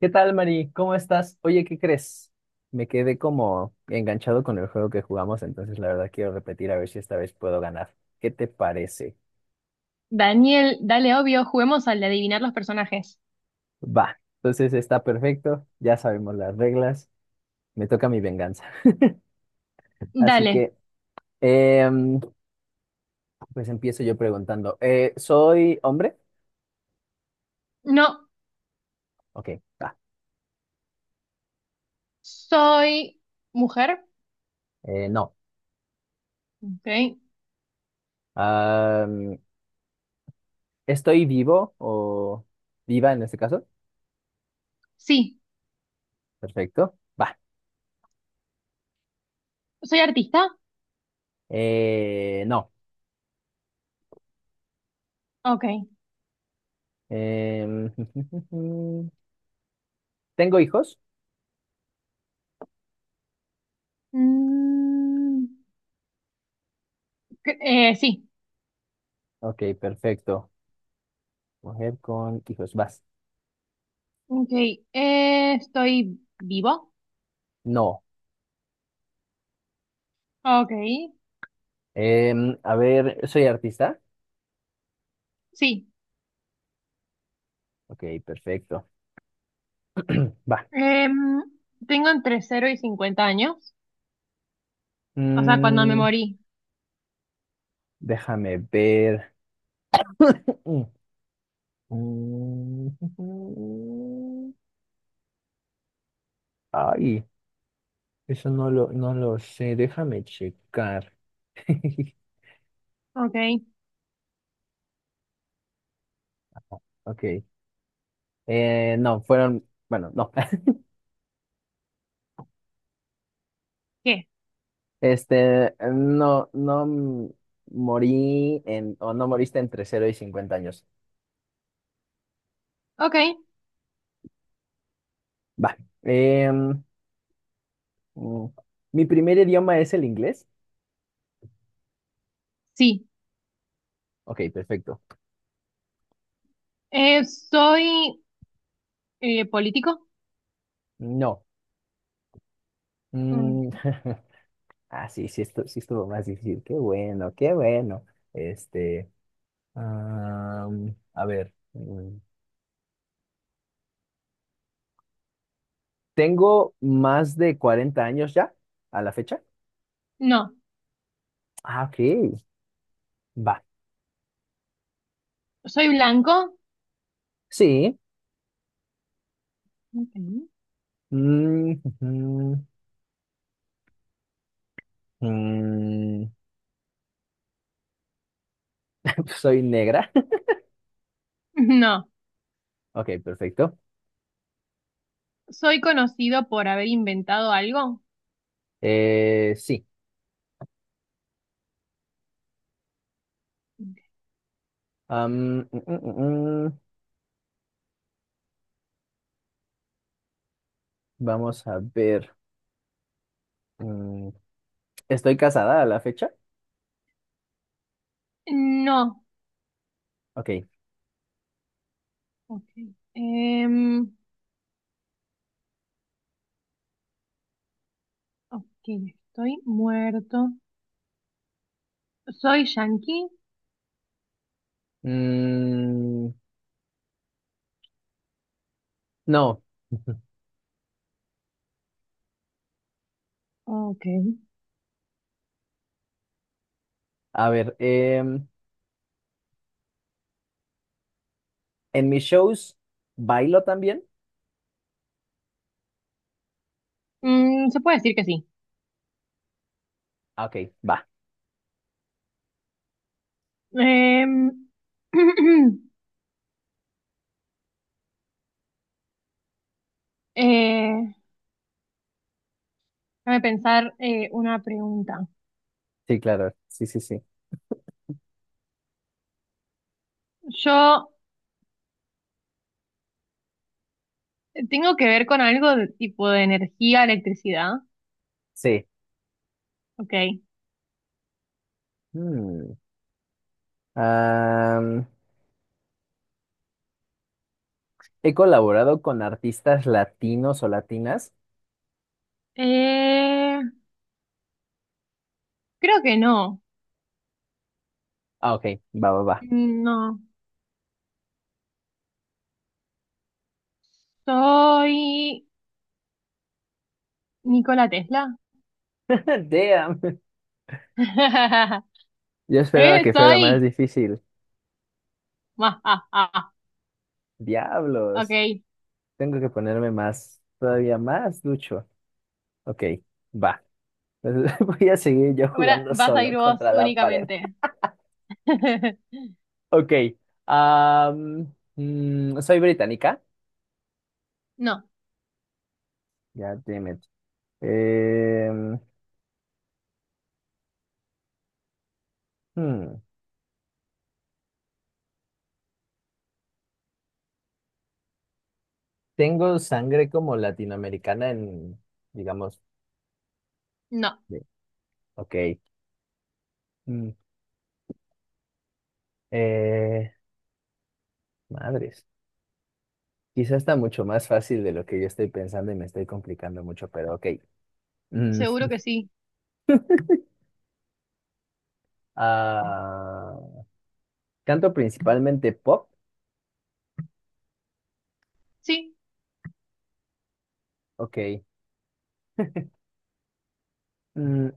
¿Qué tal, Mari? ¿Cómo estás? Oye, ¿qué crees? Me quedé como enganchado con el juego que jugamos, entonces la verdad quiero repetir a ver si esta vez puedo ganar. ¿Qué te parece? Daniel, dale, obvio, juguemos al de adivinar los personajes. Va, entonces está perfecto, ya sabemos las reglas, me toca mi venganza. Así Dale. que, em, pues empiezo yo preguntando, ¿soy hombre? No, Ok, va. soy mujer. No. Ok. Am, ¿Estoy vivo o viva en este caso? Sí. Perfecto, va. ¿Soy artista? No. Ok. Em, ¿Tengo hijos? Mm, sí. Ok, perfecto. Mujer con hijos, vas. Ok. ¿Estoy vivo? No. Ok. A ver, ¿soy artista? Sí. Ok, perfecto. Va. Em, Tengo entre cero y 50 años. O sea, cuando me Mm, morí. déjame ver. Mm, mm, mm. Ay, eso no lo sé. Déjame checar. Ok. Ok. No, fueron, bueno, no. ¿Qué? Este, no, no morí en, o no moriste entre 0 y 50 años. Ok. Va. Em, mm, ¿Mi primer idioma es el inglés? Sí. Ok, perfecto. ¿Soy político? No. Mm, Mm, ah, sí, sí, esto, sí estuvo más difícil. Qué bueno, qué bueno. Este, a ver. ¿Tengo más de 40 años ya a la fecha? No. Ah, ok. Va. ¿Soy blanco? Sí. Ok. Mm, ujú, mm, soy negra. No. Ok, perfecto. ¿Soy conocido por haber inventado algo? Sí. Am, mm, mm, mm, mm. Vamos a ver. Mm, ¿Estoy casada a la fecha? No. Ok. Ok. Em, ok, estoy muerto. ¿Soy yankee? Mm, no. Ok. A ver, ¿en mis shows bailo también? Se puede decir que sí. Ah, ok, va. Em, eh, déjame pensar una pregunta. Sí, claro. Sí, sí, sí. Yo tengo que ver con algo de tipo de energía, electricidad. Sí. Ok. Mm, am, ¿He colaborado con artistas latinos o latinas? Eh, Creo que no. Ah, ok, va, va, va. No. ¿Soy Nikola Tesla? Damn. Yo esperaba que fuera más soy. difícil. Ma, ah, ah, ah. Diablos. ok. Tengo que ponerme más, todavía más ducho. Ok, va. Entonces, voy a seguir yo Ahora jugando vas a solo ir vos contra la pared. únicamente. Ok. Soy británica. No, Ya, damn it. Em, hmm, Tengo sangre como latinoamericana en, digamos, no. de- ok. mm, eh, madres. Quizás está mucho más fácil de lo que yo estoy pensando y me estoy complicando mucho, pero ok. Mm, Seguro que sí. ah, canto principalmente pop. Sí. Ok. Mm,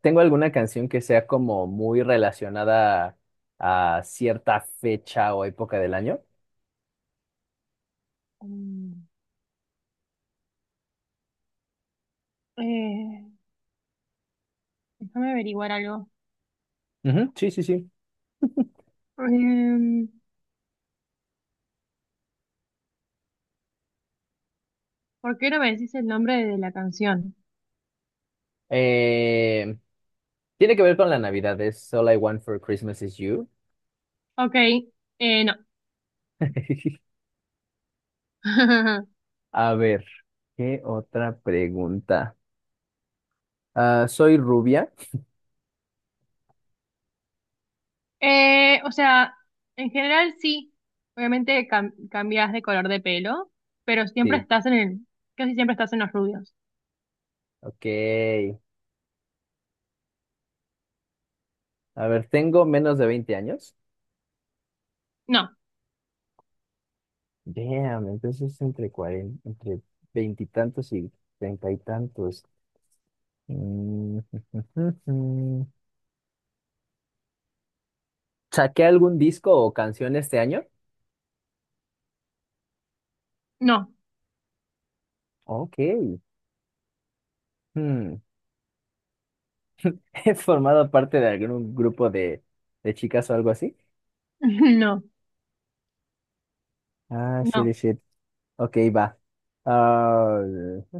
¿tengo alguna canción que sea como muy relacionada a cierta fecha o época del año? Mm, eh, Déjame averiguar algo. Ujú, sí, sí, sí. Em, ¿Por qué no me decís el nombre de la canción? Eh, tiene que ver con la Navidad, es All I Want for Christmas is You. Ok. No. A ver, ¿qué otra pregunta? Ah, ¿soy rubia? O sea, en general sí. Obviamente cam- cambias de color de pelo, pero siempre Sí, estás en el, casi siempre estás en los rubios. ok. A ver, ¿tengo menos de 20 años? No, Damn, entonces entre 40, entre veintitantos y treinta y tantos. Mm, ¿saqué algún disco o canción este año? no, Ok. Hmm. ¿He formado parte de algún grupo de chicas o algo así? no. Ah, No, shit, shit. Ok, va. Ah,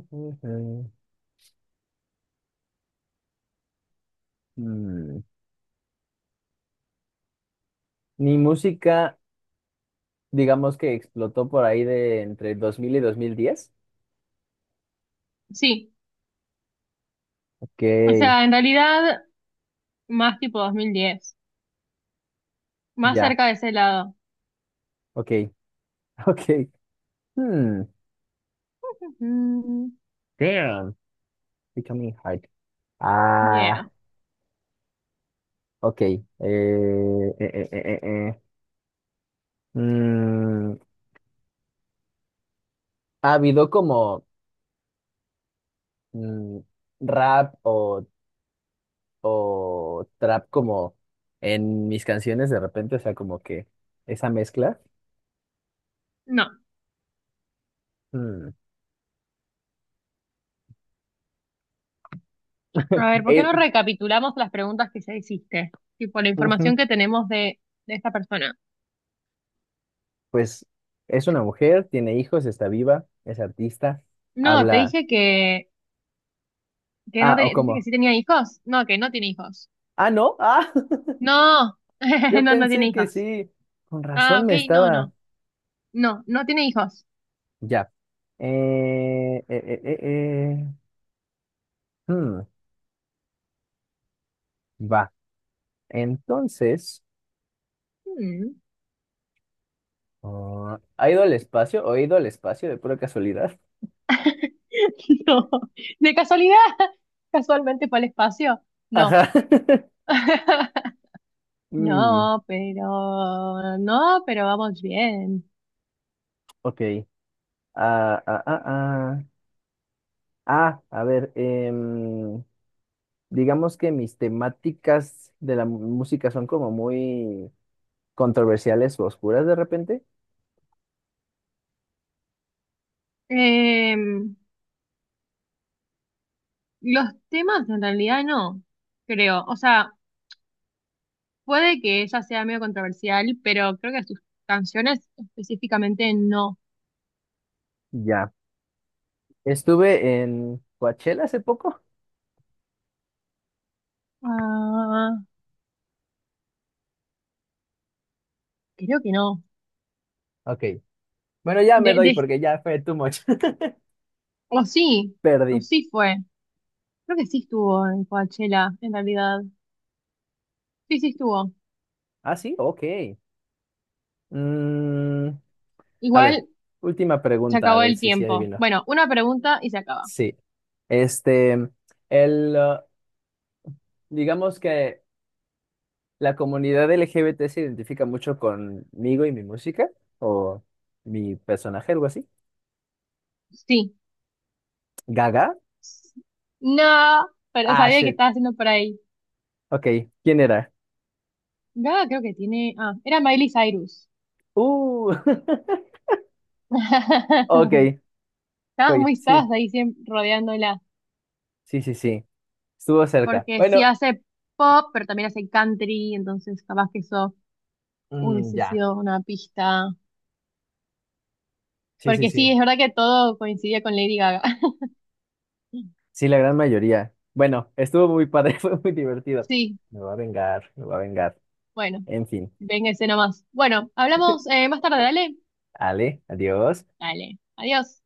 hmm. Mi música, digamos que explotó por ahí de entre 2000 y 2010. sí, Ok, o sea, en realidad más tipo 2010, más ya, cerca de ese lado. ok, ok. Hmm. Mm, Damn, becoming hard. yeah, Ah, ok. Mm, ha habido como mm, rap o trap como en mis canciones de repente, o sea, como que esa mezcla. no. Mm. A ver, ¿por qué Eh, no recapitulamos las preguntas que ya hiciste? Tipo, la información ujú, que tenemos de esta persona. pues es una mujer, tiene hijos, está viva, es artista, No, te habla. dije que no Ah, o tenía, te dije que cómo. sí tenía hijos. No, que no tiene hijos. Ah, no, ah, No, yo no, no tiene pensé que hijos. sí, con Ah, razón ok, me no, estaba. no. No, no tiene hijos. Ya. Eh, eh, eh, eh, eh, hmm, va. Entonces. Mm. Ah, ¿ha ido al espacio o he ido al espacio de pura casualidad? No, de casualidad, casualmente fue al espacio. No. Ajá. Mm, No, pero no, pero vamos bien. ok. Ah, ah, ah, ah. Ah, a ver, digamos que mis temáticas de la música son como muy controversiales o oscuras de repente. Em, los temas en realidad no, creo. O sea, puede que ella sea medio controversial, pero creo que sus canciones específicamente no. Ya. Estuve en Coachella hace poco. Ah, creo que no. Ok. Bueno, ya me De, doy de- porque ya fue too much. o sí, o Perdí. sí fue. Creo que sí estuvo en Coachella, en realidad. Sí, sí estuvo. Ah, sí, ok. Mm, a Igual ver, última se pregunta, a acabó ver el si sí tiempo. adivino. Bueno, una pregunta y se acaba. Sí. Este, el, uh, digamos que la comunidad LGBT se identifica mucho conmigo y mi música, o mi personaje, algo así. Sí. ¿Gaga? No, pero Ah, sabía que shit. estaba haciendo por ahí. Ok, ¿quién era? Gaga creo que tiene. Ah, era Miley Cyrus. Uh, ok, Estabas ok, muy, sí, estabas ahí siempre rodeándola. sí, sí, sí. Estuvo cerca. Porque sí Bueno, hace pop, pero también hace country, entonces capaz que eso mm, hubiese ya. sido una pista. Sí, sí, Porque sí, sí. es verdad que todo coincidía con Lady Gaga. Sí, la gran mayoría. Bueno, estuvo muy padre, fue muy divertido. Sí, Me va a vengar, me va a vengar. bueno, En fin, véngase nomás. Bueno, hablamos más tarde, dale. Ale, adiós. Dale, adiós.